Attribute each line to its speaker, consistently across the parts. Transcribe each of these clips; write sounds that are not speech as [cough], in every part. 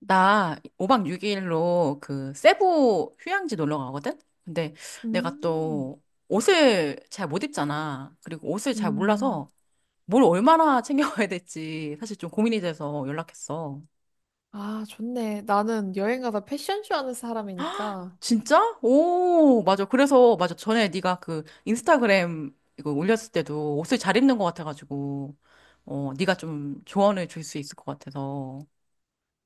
Speaker 1: 나 5박 6일로 그 세부 휴양지 놀러 가거든? 근데 내가
Speaker 2: 음,
Speaker 1: 또 옷을 잘 못 입잖아. 그리고 옷을 잘
Speaker 2: 음.
Speaker 1: 몰라서 뭘 얼마나 챙겨가야 될지 사실 좀 고민이 돼서 연락했어.
Speaker 2: 아, 좋네. 나는 여행 가다 패션쇼 하는 사람이니까
Speaker 1: 진짜? 오, 맞아. 그래서 맞아. 전에 네가 그 인스타그램 이거 올렸을 때도 옷을 잘 입는 것 같아가지고 어, 네가 좀 조언을 줄 수 있을 것 같아서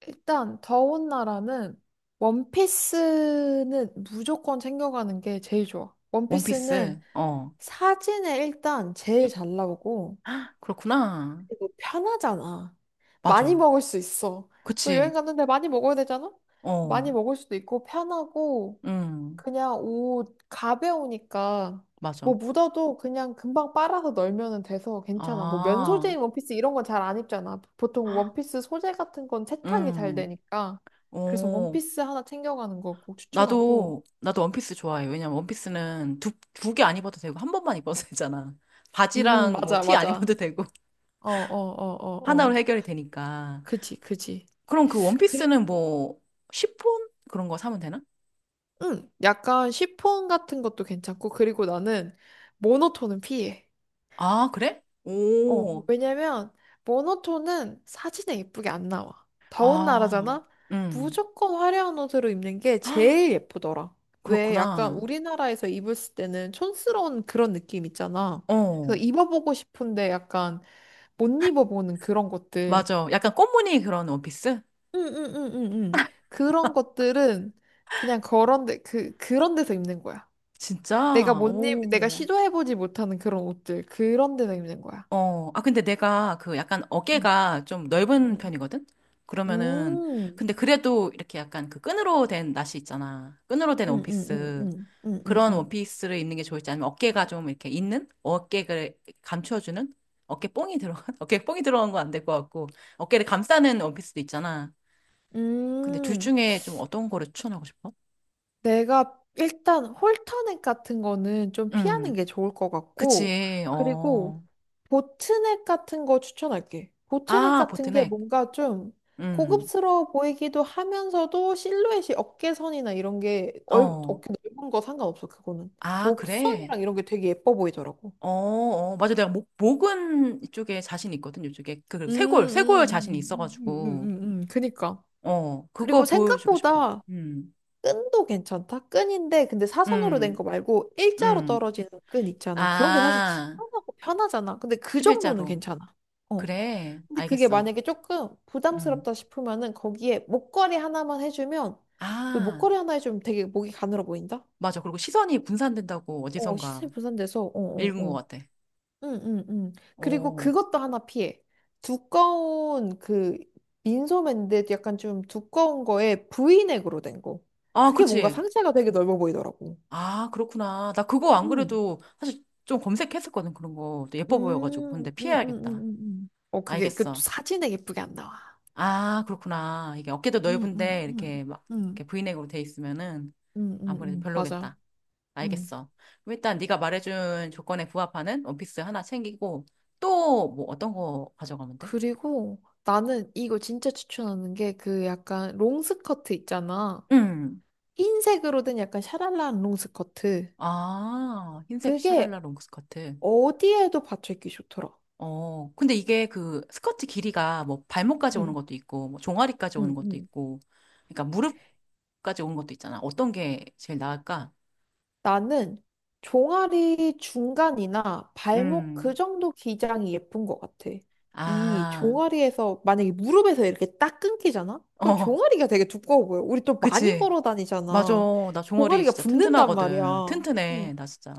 Speaker 2: 일단 더운 나라는 원피스는 무조건 챙겨가는 게 제일 좋아.
Speaker 1: 원피스.
Speaker 2: 원피스는
Speaker 1: 어.
Speaker 2: 사진에 일단 제일 잘 나오고
Speaker 1: 그렇구나.
Speaker 2: 그리고 편하잖아. 많이
Speaker 1: 맞아.
Speaker 2: 먹을 수 있어. 또 여행
Speaker 1: 그치.
Speaker 2: 갔는데 많이 먹어야 되잖아? 많이
Speaker 1: 어.
Speaker 2: 먹을 수도 있고 편하고
Speaker 1: 음,
Speaker 2: 그냥 옷 가벼우니까 뭐
Speaker 1: 맞아.
Speaker 2: 묻어도 그냥 금방 빨아서 널면은 돼서 괜찮아. 뭐 면
Speaker 1: 아,
Speaker 2: 소재인 원피스 이런 건 잘 안 입잖아. 보통
Speaker 1: 헉,
Speaker 2: 원피스 소재 같은 건 세탁이 잘
Speaker 1: 음,
Speaker 2: 되니까. 그래서
Speaker 1: 오.
Speaker 2: 원피스 하나 챙겨가는 거 꼭 추천하고.
Speaker 1: 나도 원피스 좋아해. 왜냐면 원피스는 두 개 안 입어도 되고, 한 번만 입어도 [laughs] 되잖아. 바지랑 뭐
Speaker 2: 맞아,
Speaker 1: 티 안 입어도
Speaker 2: 맞아.
Speaker 1: 되고, [laughs]
Speaker 2: 어, 어, 어, 어,
Speaker 1: 하나로
Speaker 2: 어.
Speaker 1: 해결이 되니까.
Speaker 2: 그지, 그지.
Speaker 1: 그럼 그
Speaker 2: 그리고,
Speaker 1: 원피스는 뭐, 시폰? 그런 거 사면 되나?
Speaker 2: 응, 약간 시폰 같은 것도 괜찮고. 그리고 나는 모노톤은 피해.
Speaker 1: 아, 그래?
Speaker 2: 어,
Speaker 1: 오,
Speaker 2: 왜냐면 모노톤은 사진에 예쁘게 안 나와. 더운
Speaker 1: 아,
Speaker 2: 나라잖아?
Speaker 1: 음.
Speaker 2: 무조건 화려한 옷으로 입는 게
Speaker 1: 헉,
Speaker 2: 제일 예쁘더라.
Speaker 1: [gasps]
Speaker 2: 왜 약간
Speaker 1: 그렇구나.
Speaker 2: 우리나라에서 입었을 때는 촌스러운 그런 느낌 있잖아. 그래서
Speaker 1: 어,
Speaker 2: 입어보고 싶은데 약간 못 입어보는 그런 것들.
Speaker 1: 맞아. 약간 꽃무늬 그런 원피스?
Speaker 2: 응응응응응. 그런 것들은 그냥 그런 데, 그런 데서 입는 거야. 내가
Speaker 1: 진짜?
Speaker 2: 못 입, 내가
Speaker 1: 오.
Speaker 2: 시도해보지 못하는 그런 옷들. 그런 데서 입는 거야.
Speaker 1: 어, 아, 근데 내가 그 약간 어깨가 좀 넓은
Speaker 2: 음.
Speaker 1: 편이거든? 그러면은,
Speaker 2: 음.
Speaker 1: 근데 그래도 이렇게 약간 그 끈으로 된 나시 있잖아. 끈으로 된
Speaker 2: 응, 응, 응,
Speaker 1: 원피스.
Speaker 2: 응, 응, 응,
Speaker 1: 그런
Speaker 2: 응.
Speaker 1: 원피스를 입는 게 좋을지 아니면 어깨가 좀 이렇게 있는? 어깨를 감춰주는? 어깨 뽕이 들어간? [laughs] 어깨 뽕이 들어간 건 안 될 것 같고. 어깨를 감싸는 원피스도 있잖아. 근데 둘
Speaker 2: 음,
Speaker 1: 중에 좀 어떤 거를 추천하고 싶어?
Speaker 2: 내가 일단 홀터넥 같은 거는 좀 피하는
Speaker 1: 음,
Speaker 2: 게 좋을 것 같고,
Speaker 1: 그치,
Speaker 2: 그리고
Speaker 1: 어.
Speaker 2: 보트넥 같은 거 추천할게. 보트넥
Speaker 1: 아,
Speaker 2: 같은 게
Speaker 1: 보트넥.
Speaker 2: 뭔가 좀
Speaker 1: 음,
Speaker 2: 고급스러워 보이기도 하면서도 실루엣이 어깨선이나 이런 게
Speaker 1: 어.
Speaker 2: 어깨 넓은 거 상관없어, 그거는.
Speaker 1: 아, 그래?
Speaker 2: 목선이랑 이런 게 되게 예뻐 보이더라고.
Speaker 1: 어, 어, 맞아. 내가 목은 이쪽에 자신 있거든, 이쪽에. 그리고
Speaker 2: 음,
Speaker 1: 쇄골,
Speaker 2: 음,
Speaker 1: 쇄골 자신이
Speaker 2: 음,
Speaker 1: 있어가지고.
Speaker 2: 그니까.
Speaker 1: 어,
Speaker 2: 그리고
Speaker 1: 그거 보여주고 싶어.
Speaker 2: 생각보다
Speaker 1: 음,
Speaker 2: 끈도 괜찮다. 끈인데 근데 사선으로 된
Speaker 1: 음,
Speaker 2: 거 말고 일자로
Speaker 1: 음.
Speaker 2: 떨어지는 끈 있잖아. 그런 게 사실
Speaker 1: 아,
Speaker 2: 시원하고 편하잖아. 근데 그 정도는
Speaker 1: 11자로.
Speaker 2: 괜찮아. 어.
Speaker 1: 그래,
Speaker 2: 근데 그게
Speaker 1: 알겠어.
Speaker 2: 만약에 조금
Speaker 1: 음.
Speaker 2: 부담스럽다 싶으면은 거기에 목걸이 하나만 해주면 왜
Speaker 1: 아,
Speaker 2: 목걸이 하나 해주면 되게 목이 가늘어 보인다?
Speaker 1: 맞아. 그리고 시선이 분산된다고
Speaker 2: 어,
Speaker 1: 어디선가
Speaker 2: 시선이 분산돼서 어, 어,
Speaker 1: 읽은 것
Speaker 2: 어.
Speaker 1: 같아.
Speaker 2: 응, 응, 응. 그리고
Speaker 1: 어.
Speaker 2: 그것도 하나 피해. 두꺼운 그 민소매인데 약간 좀 두꺼운 거에 브이넥으로 된 거.
Speaker 1: 아,
Speaker 2: 그게 뭔가
Speaker 1: 그치.
Speaker 2: 상체가 되게 넓어 보이더라고.
Speaker 1: 아, 그렇구나. 나 그거 안
Speaker 2: 음,
Speaker 1: 그래도 사실 좀 검색했었거든, 그런 거. 또 예뻐 보여가지고.
Speaker 2: 음,
Speaker 1: 근데
Speaker 2: 음, 음, 음,
Speaker 1: 피해야겠다.
Speaker 2: 어, 그게, 그
Speaker 1: 알겠어.
Speaker 2: 사진에 예쁘게 안 나와.
Speaker 1: 아, 그렇구나. 이게 어깨도
Speaker 2: 음, 음,
Speaker 1: 넓은데
Speaker 2: 음,
Speaker 1: 이렇게 막
Speaker 2: 음,
Speaker 1: 이렇게 브이넥으로 돼 있으면은 아무래도
Speaker 2: 맞아.
Speaker 1: 별로겠다.
Speaker 2: 음.
Speaker 1: 알겠어. 그럼 일단 네가 말해준 조건에 부합하는 원피스 하나 챙기고 또 뭐 어떤 거 가져가면 돼?
Speaker 2: 그리고 나는 이거 진짜 추천하는 게 그 약간 롱스커트 있잖아.
Speaker 1: 음.
Speaker 2: 흰색으로 된 약간 샤랄라한 롱스커트.
Speaker 1: 아, 흰색
Speaker 2: 그게
Speaker 1: 샤랄라 롱 스커트.
Speaker 2: 어디에도 받쳐 입기 좋더라.
Speaker 1: 어, 근데 이게 그 스커트 길이가 뭐 발목까지 오는
Speaker 2: 응
Speaker 1: 것도 있고 뭐 종아리까지
Speaker 2: 응
Speaker 1: 오는 것도
Speaker 2: 응
Speaker 1: 있고 그러니까 무릎까지 오는 것도 있잖아. 어떤 게 제일 나을까?
Speaker 2: 나는 종아리 중간이나 발목
Speaker 1: 음.
Speaker 2: 그 정도 기장이 예쁜 것 같아. 이
Speaker 1: 아,
Speaker 2: 종아리에서 만약에 무릎에서 이렇게 딱 끊기잖아? 그럼
Speaker 1: 어,
Speaker 2: 종아리가 되게 두꺼워 보여. 우리 또 많이
Speaker 1: 그치.
Speaker 2: 걸어
Speaker 1: 맞아.
Speaker 2: 다니잖아.
Speaker 1: 나 종아리
Speaker 2: 종아리가
Speaker 1: 진짜
Speaker 2: 붓는단
Speaker 1: 튼튼하거든.
Speaker 2: 말이야.
Speaker 1: 튼튼해.
Speaker 2: 응.
Speaker 1: 나 진짜.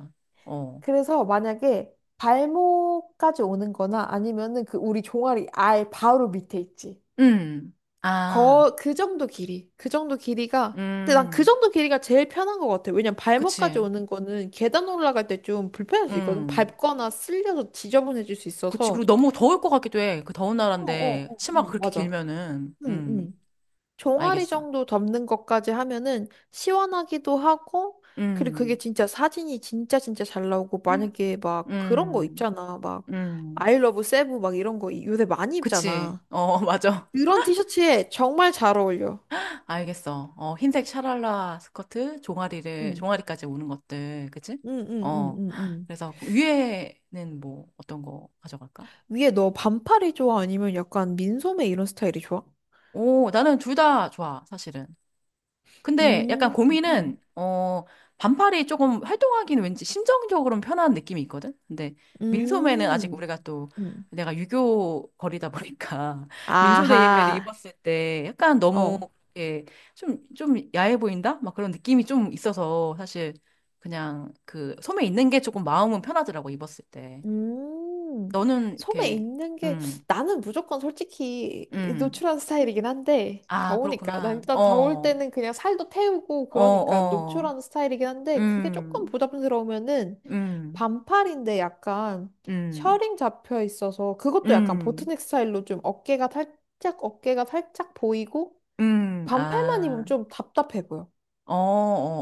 Speaker 1: 어.
Speaker 2: 그래서 만약에 발목까지 오는 거나 아니면은 그 우리 종아리 알 바로 밑에 있지.
Speaker 1: 음. 아.
Speaker 2: 거, 그 정도 길이. 그 정도 길이가. 근데 난 그
Speaker 1: 음.
Speaker 2: 정도 길이가 제일 편한 것 같아. 왜냐면 발목까지
Speaker 1: 그치.
Speaker 2: 오는 거는 계단 올라갈 때 좀 불편할 수 있거든.
Speaker 1: 음.
Speaker 2: 밟거나 쓸려서 지저분해질 수
Speaker 1: 그치. 그리고
Speaker 2: 있어서.
Speaker 1: 너무 더울 것 같기도 해. 그 더운
Speaker 2: 어, 어,
Speaker 1: 나라인데
Speaker 2: 어, 어,
Speaker 1: 치마가 그렇게
Speaker 2: 맞아.
Speaker 1: 길면은.
Speaker 2: 응,
Speaker 1: 음.
Speaker 2: 응. 종아리
Speaker 1: 알겠어.
Speaker 2: 정도 덮는 것까지 하면은 시원하기도 하고, 그리고 그게
Speaker 1: 음.
Speaker 2: 진짜 사진이 진짜 진짜 잘 나오고, 만약에 막 그런 거
Speaker 1: 음.
Speaker 2: 입잖아. 막,
Speaker 1: 음.
Speaker 2: I love 세부 막 이런 거 요새 많이
Speaker 1: 그치.
Speaker 2: 입잖아.
Speaker 1: 어, [laughs] 맞아.
Speaker 2: 그런 티셔츠에 정말 잘 어울려.
Speaker 1: 알겠어. 어, 흰색 샤랄라 스커트,
Speaker 2: 응.
Speaker 1: 종아리까지 오는 것들. 그치?
Speaker 2: 응, 응, 응,
Speaker 1: 어.
Speaker 2: 응, 응.
Speaker 1: 그래서 위에는 뭐 어떤 거 가져갈까?
Speaker 2: 위에 너 반팔이 좋아? 아니면 약간 민소매 이런 스타일이 좋아?
Speaker 1: 오, 나는 둘 다 좋아, 사실은. 근데 약간
Speaker 2: 음, 음,
Speaker 1: 고민은, 어, 반팔이 조금 활동하기는 왠지 심정적으로는 편한 느낌이 있거든? 근데 민소매는 아직
Speaker 2: 음,
Speaker 1: 우리가 또
Speaker 2: 음.
Speaker 1: 내가 유교 거리다 보니까 [laughs] 민소매 예배를
Speaker 2: 아하,
Speaker 1: 입었을 때 약간 너무
Speaker 2: 어.
Speaker 1: 이렇게 좀, 좀 야해 보인다? 막 그런 느낌이 좀 있어서 사실 그냥 그 소매 있는 게 조금 마음은 편하더라고, 입었을 때.
Speaker 2: 음,
Speaker 1: 너는
Speaker 2: 섬에
Speaker 1: 이렇게,
Speaker 2: 있는 게
Speaker 1: 음,
Speaker 2: 나는 무조건 솔직히
Speaker 1: 음.
Speaker 2: 노출한 스타일이긴 한데
Speaker 1: 아,
Speaker 2: 더우니까 난
Speaker 1: 그렇구나.
Speaker 2: 일단 더울
Speaker 1: 어,
Speaker 2: 때는 그냥 살도 태우고
Speaker 1: 어,
Speaker 2: 그러니까
Speaker 1: 어.
Speaker 2: 노출한 스타일이긴 한데 그게 조금
Speaker 1: 음,
Speaker 2: 부담스러우면은
Speaker 1: 음,
Speaker 2: 반팔인데 약간
Speaker 1: 음,
Speaker 2: 셔링 잡혀 있어서 그것도 약간
Speaker 1: 음,
Speaker 2: 보트넥 스타일로 좀 어깨가 살짝 보이고 반팔만
Speaker 1: 아,
Speaker 2: 입으면 좀 답답해 보여.
Speaker 1: 어,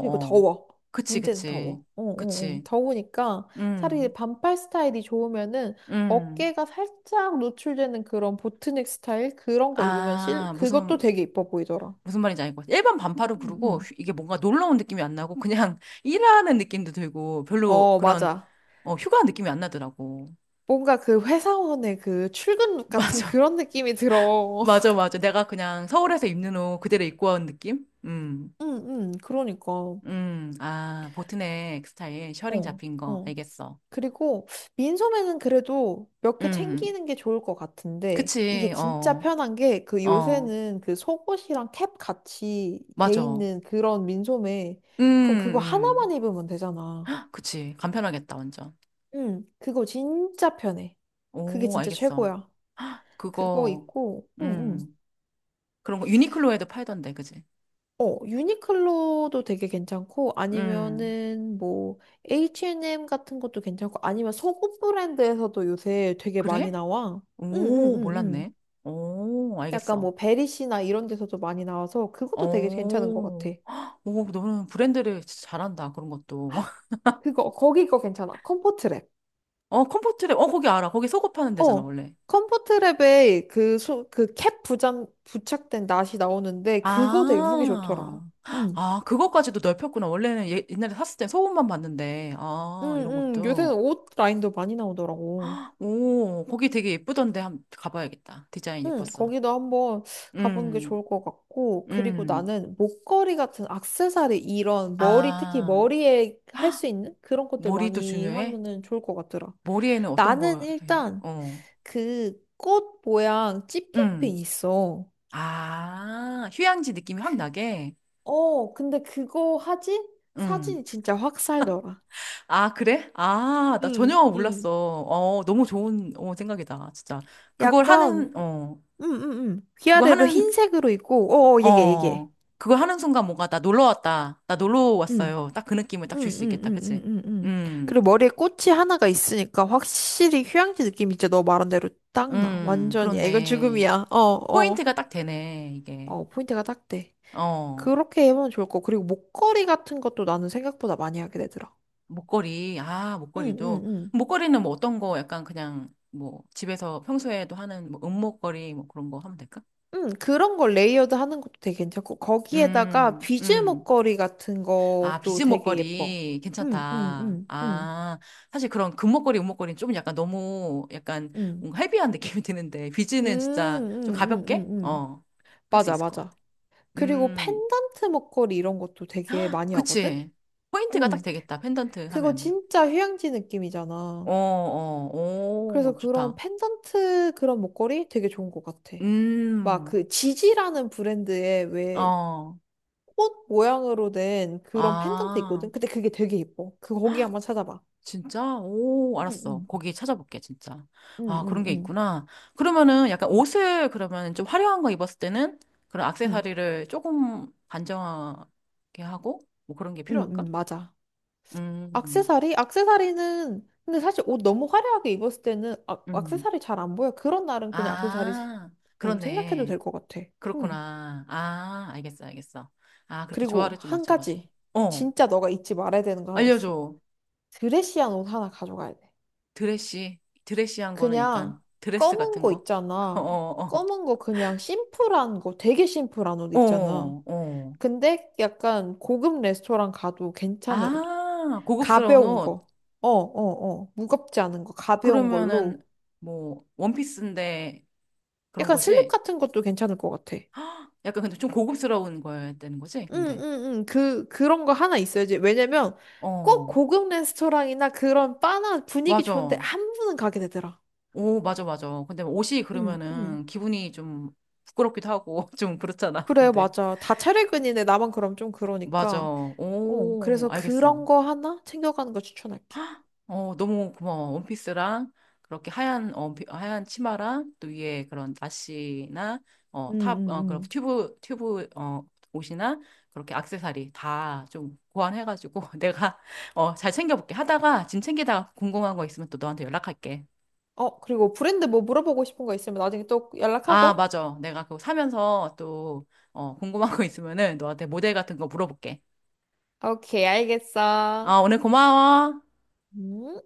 Speaker 2: 그리고
Speaker 1: 어.
Speaker 2: 더워.
Speaker 1: 그치,
Speaker 2: 문제는
Speaker 1: 그치,
Speaker 2: 더워. 어, 어, 어.
Speaker 1: 그치.
Speaker 2: 더우니까 차라리
Speaker 1: 음,
Speaker 2: 반팔 스타일이 좋으면은
Speaker 1: 음.
Speaker 2: 어깨가 살짝 노출되는 그런 보트넥 스타일 그런 거 입으면 실
Speaker 1: 아,
Speaker 2: 그것도 되게 이뻐 보이더라.
Speaker 1: 무슨 말인지 알것 같아. 일반 반팔을
Speaker 2: 음,
Speaker 1: 부르고
Speaker 2: 음.
Speaker 1: 휘- 이게 뭔가 놀러 온 느낌이 안 나고 그냥 [laughs] 일하는 느낌도 들고 별로
Speaker 2: 어,
Speaker 1: 그런
Speaker 2: 맞아.
Speaker 1: 어, 휴가 느낌이 안 나더라고.
Speaker 2: 뭔가 그 회사원의 그 출근 룩
Speaker 1: [laughs]
Speaker 2: 같은
Speaker 1: 맞아,
Speaker 2: 그런 느낌이 들어.
Speaker 1: 맞아,
Speaker 2: [laughs]
Speaker 1: 맞아. 내가 그냥 서울에서 입는 옷 그대로 입고 온 느낌?
Speaker 2: 응, 응, 그러니까. 어,
Speaker 1: 아, 보트넥 스타일, 셔링 잡힌 거.
Speaker 2: 어.
Speaker 1: 알겠어.
Speaker 2: 그리고 민소매는 그래도 몇 개
Speaker 1: 음,
Speaker 2: 챙기는 게 좋을 것 같은데 이게
Speaker 1: 그치,
Speaker 2: 진짜
Speaker 1: 어,
Speaker 2: 편한 게 그
Speaker 1: 어,
Speaker 2: 요새는 그 속옷이랑 캡 같이 돼
Speaker 1: 맞아.
Speaker 2: 있는 그런 민소매
Speaker 1: 음,
Speaker 2: 그럼 그거 하나만
Speaker 1: 음,
Speaker 2: 입으면 되잖아.
Speaker 1: 그치, 간편하겠다, 완전.
Speaker 2: 응, 그거 진짜 편해. 그게
Speaker 1: 오,
Speaker 2: 진짜
Speaker 1: 알겠어.
Speaker 2: 최고야. 그거
Speaker 1: 그거,
Speaker 2: 입고, 응, 응.
Speaker 1: 음, 그런 거 유니클로에도 팔던데, 그지?
Speaker 2: 어, 유니클로도 되게 괜찮고
Speaker 1: 음,
Speaker 2: 아니면은 뭐 H&M 같은 것도 괜찮고 아니면 속옷 브랜드에서도 요새 되게 많이
Speaker 1: 그래?
Speaker 2: 나와.
Speaker 1: 오,
Speaker 2: 응응응응.
Speaker 1: 몰랐네. 오,
Speaker 2: 약간
Speaker 1: 알겠어.
Speaker 2: 뭐 베리시나 이런 데서도 많이 나와서 그것도 되게 괜찮은 것
Speaker 1: 오,
Speaker 2: 같아.
Speaker 1: 오, 너는 브랜드를 진짜 잘한다, 그런 것도. [laughs]
Speaker 2: 그거 거기 거 괜찮아. 컴포트랩.
Speaker 1: 어, 컴포트랩, 어, 거기 알아. 거기 속옷 파는 데잖아,
Speaker 2: 어.
Speaker 1: 원래.
Speaker 2: 컴포트랩에 그, 소, 그 캡 부착된 낫이 나오는데 그거 되게 후기 좋더라.
Speaker 1: 아,
Speaker 2: 응.
Speaker 1: 아, 그것까지도 넓혔구나. 원래는 예- 옛날에 샀을 때 소음만 봤는데,
Speaker 2: 응,
Speaker 1: 아, 이런
Speaker 2: 응. 요새는
Speaker 1: 것도.
Speaker 2: 옷 라인도 많이 나오더라고.
Speaker 1: 오, 거기 되게 예쁘던데 한번 가봐야겠다. 디자인
Speaker 2: 응,
Speaker 1: 예뻤어.
Speaker 2: 거기도 한번 가보는 게
Speaker 1: 음,
Speaker 2: 좋을 것 같고, 그리고
Speaker 1: 음.
Speaker 2: 나는 목걸이 같은 액세서리 이런 머리, 특히
Speaker 1: 아,
Speaker 2: 머리에 할 수 있는 그런 것들
Speaker 1: 머리도
Speaker 2: 많이
Speaker 1: 중요해?
Speaker 2: 하면은 좋을 것 같더라.
Speaker 1: 머리에는 어떤
Speaker 2: 나는
Speaker 1: 걸 해?
Speaker 2: 일단
Speaker 1: 어,
Speaker 2: 그 꽃 모양 집게핀
Speaker 1: 음.
Speaker 2: 있어.
Speaker 1: 아, 휴양지 느낌이 확
Speaker 2: 그,
Speaker 1: 나게?
Speaker 2: 어, 근데 그거 하지?
Speaker 1: 음.
Speaker 2: 사진이 진짜 확 살더라.
Speaker 1: 아, 그래? 아, 나
Speaker 2: 응,
Speaker 1: 전혀
Speaker 2: 응.
Speaker 1: 몰랐어. 어, 너무 좋은 어, 생각이다. 진짜. 그걸
Speaker 2: 약간,
Speaker 1: 하는, 어.
Speaker 2: 응, 응, 응.
Speaker 1: 그거
Speaker 2: 위아래로
Speaker 1: 하는
Speaker 2: 흰색으로 있고, 어, 어, 얘기해.
Speaker 1: 어, 그걸 하는 순간 뭔가 나 놀러 왔다. 나 놀러
Speaker 2: 응.
Speaker 1: 왔어요. 딱 그 느낌을 딱 줄 수 있겠다. 그치?
Speaker 2: 응응응응응응.
Speaker 1: 음,
Speaker 2: 그리고 머리에 꽃이 하나가 있으니까 확실히 휴양지 느낌이 진짜 너 말한 대로 딱 나. 완전이야. 이건
Speaker 1: 그런데
Speaker 2: 죽음이야. 어, 어.
Speaker 1: 포인트가 딱 되네, 이게.
Speaker 2: 어, 포인트가 딱 돼.
Speaker 1: 어,
Speaker 2: 그렇게 해보면 좋을 거. 그리고 목걸이 같은 것도 나는 생각보다 많이 하게 되더라.
Speaker 1: 목걸이. 아,
Speaker 2: 응응응.
Speaker 1: 목걸이도.
Speaker 2: 응, 응.
Speaker 1: 목걸이는 뭐 어떤 거 약간 그냥 뭐 집에서 평소에도 하는 뭐 은목걸이 뭐 그런 거 하면 될까?
Speaker 2: 응, 그런 걸 레이어드 하는 것도 되게 괜찮고, 거기에다가
Speaker 1: 음,
Speaker 2: 비즈
Speaker 1: 음.
Speaker 2: 목걸이 같은
Speaker 1: 아,
Speaker 2: 것도
Speaker 1: 비즈
Speaker 2: 되게 예뻐.
Speaker 1: 목걸이
Speaker 2: 응, 응,
Speaker 1: 괜찮다.
Speaker 2: 응, 응,
Speaker 1: 아, 사실 그런 금목걸이, 은목걸이는 좀 약간 너무 약간
Speaker 2: 응.
Speaker 1: 뭔가 헤비한 [laughs] 느낌이 드는데
Speaker 2: 응,
Speaker 1: 비즈는 진짜 좀
Speaker 2: 응, 응, 응,
Speaker 1: 가볍게
Speaker 2: 응.
Speaker 1: 어, 할 수
Speaker 2: 맞아,
Speaker 1: 있을 것 같아.
Speaker 2: 맞아. 그리고
Speaker 1: 음,
Speaker 2: 펜던트 목걸이 이런 것도 되게 많이 하거든?
Speaker 1: 그치. 포인트가 딱
Speaker 2: 응.
Speaker 1: 되겠다. 펜던트
Speaker 2: 그거
Speaker 1: 하면은.
Speaker 2: 진짜 휴양지 느낌이잖아.
Speaker 1: 어, 어,
Speaker 2: 그래서
Speaker 1: 오,
Speaker 2: 그런
Speaker 1: 좋다.
Speaker 2: 펜던트 그런 목걸이 되게 좋은 것 같아. 막
Speaker 1: 음,
Speaker 2: 그 지지라는 브랜드의 왜
Speaker 1: 어,
Speaker 2: 꽃 모양으로 된 그런 펜던트
Speaker 1: 아.
Speaker 2: 있거든? 근데 그게 되게 예뻐. 그거 거기 한번 찾아봐.
Speaker 1: 진짜? 오,
Speaker 2: 응,
Speaker 1: 알았어.
Speaker 2: 응,
Speaker 1: 거기 찾아볼게, 진짜.
Speaker 2: 응,
Speaker 1: 아,
Speaker 2: 응,
Speaker 1: 그런 게
Speaker 2: 응,
Speaker 1: 있구나. 그러면은 약간 옷을 그러면 좀 화려한 거 입었을 때는 그런
Speaker 2: 응,
Speaker 1: 액세서리를 조금 단정하게 하고 뭐 그런 게
Speaker 2: 응,
Speaker 1: 필요할까?
Speaker 2: 응, 맞아.
Speaker 1: 음,
Speaker 2: 악세사리? 악세사리는 근데 사실 옷 너무 화려하게 입었을 때는 세
Speaker 1: 음.
Speaker 2: 사리 잘 안 보여. 그런 날은 그냥
Speaker 1: 아,
Speaker 2: 생략해도
Speaker 1: 그렇네.
Speaker 2: 될 것 같아. 음.
Speaker 1: 그렇구나. 아, 알겠어, 알겠어. 아, 그렇게
Speaker 2: 그리고
Speaker 1: 조화를 좀
Speaker 2: 한
Speaker 1: 맞춰가지고.
Speaker 2: 가지
Speaker 1: 어,
Speaker 2: 진짜 너가 잊지 말아야 되는 거 하나 있어.
Speaker 1: 알려줘.
Speaker 2: 드레시한 옷 하나 가져가야 돼.
Speaker 1: 드레시, 드레시한 거는
Speaker 2: 그냥
Speaker 1: 약간 드레스
Speaker 2: 검은
Speaker 1: 같은
Speaker 2: 거
Speaker 1: 거? [laughs] 어,
Speaker 2: 있잖아.
Speaker 1: 어,
Speaker 2: 검은 거 그냥 심플한 거, 되게 심플한 옷
Speaker 1: 어,
Speaker 2: 있잖아.
Speaker 1: 어.
Speaker 2: 근데 약간 고급 레스토랑 가도 괜찮은 옷.
Speaker 1: 아, 고급스러운
Speaker 2: 가벼운
Speaker 1: 옷.
Speaker 2: 거. 어, 어, 어. 무겁지 않은 거, 가벼운
Speaker 1: 그러면은
Speaker 2: 걸로.
Speaker 1: 뭐 원피스인데 그런
Speaker 2: 약간 슬립
Speaker 1: 거지?
Speaker 2: 같은 것도 괜찮을 것 같아.
Speaker 1: 약간 근데 좀 고급스러운 거였다는 거지?
Speaker 2: 응,
Speaker 1: 근데.
Speaker 2: 응, 응. 그런 거 하나 있어야지. 왜냐면 꼭
Speaker 1: 어,
Speaker 2: 고급 레스토랑이나 그런 바나 분위기 좋은데
Speaker 1: 맞아.
Speaker 2: 한 번은 가게 되더라.
Speaker 1: 오, 맞아, 맞아. 근데 옷이
Speaker 2: 응, 응.
Speaker 1: 그러면은 기분이 좀 부끄럽기도 하고 [laughs] 좀 그렇잖아.
Speaker 2: 그래,
Speaker 1: 근데.
Speaker 2: 맞아. 다 차례근이네. 나만 그럼 좀
Speaker 1: 맞아.
Speaker 2: 그러니까. 어,
Speaker 1: 오,
Speaker 2: 그래서 그런
Speaker 1: 알겠어.
Speaker 2: 거 하나 챙겨가는 거 추천할게.
Speaker 1: 어, 너무 고마워. 원피스랑 그렇게 하얀 어, 비- 하얀 치마랑 또 위에 그런 나시나
Speaker 2: 응,
Speaker 1: 어, 탑
Speaker 2: 응,
Speaker 1: 어, 그런
Speaker 2: 응.
Speaker 1: 튜브 튜브 어, 옷이나 그렇게 액세서리 다 좀 고안해가지고 [laughs] 내가 어, 잘 챙겨볼게. 하다가 짐 챙기다가 궁금한 거 있으면 또 너한테 연락할게.
Speaker 2: 어, 그리고 브랜드 뭐 물어보고 싶은 거 있으면 나중에 또
Speaker 1: 아,
Speaker 2: 연락하고.
Speaker 1: 맞아. 내가 그거 사면서 또 어, 궁금한 거 있으면은 너한테 모델 같은 거 물어볼게.
Speaker 2: 오케이, 알겠어.
Speaker 1: 아, 오늘 고마워.
Speaker 2: 음.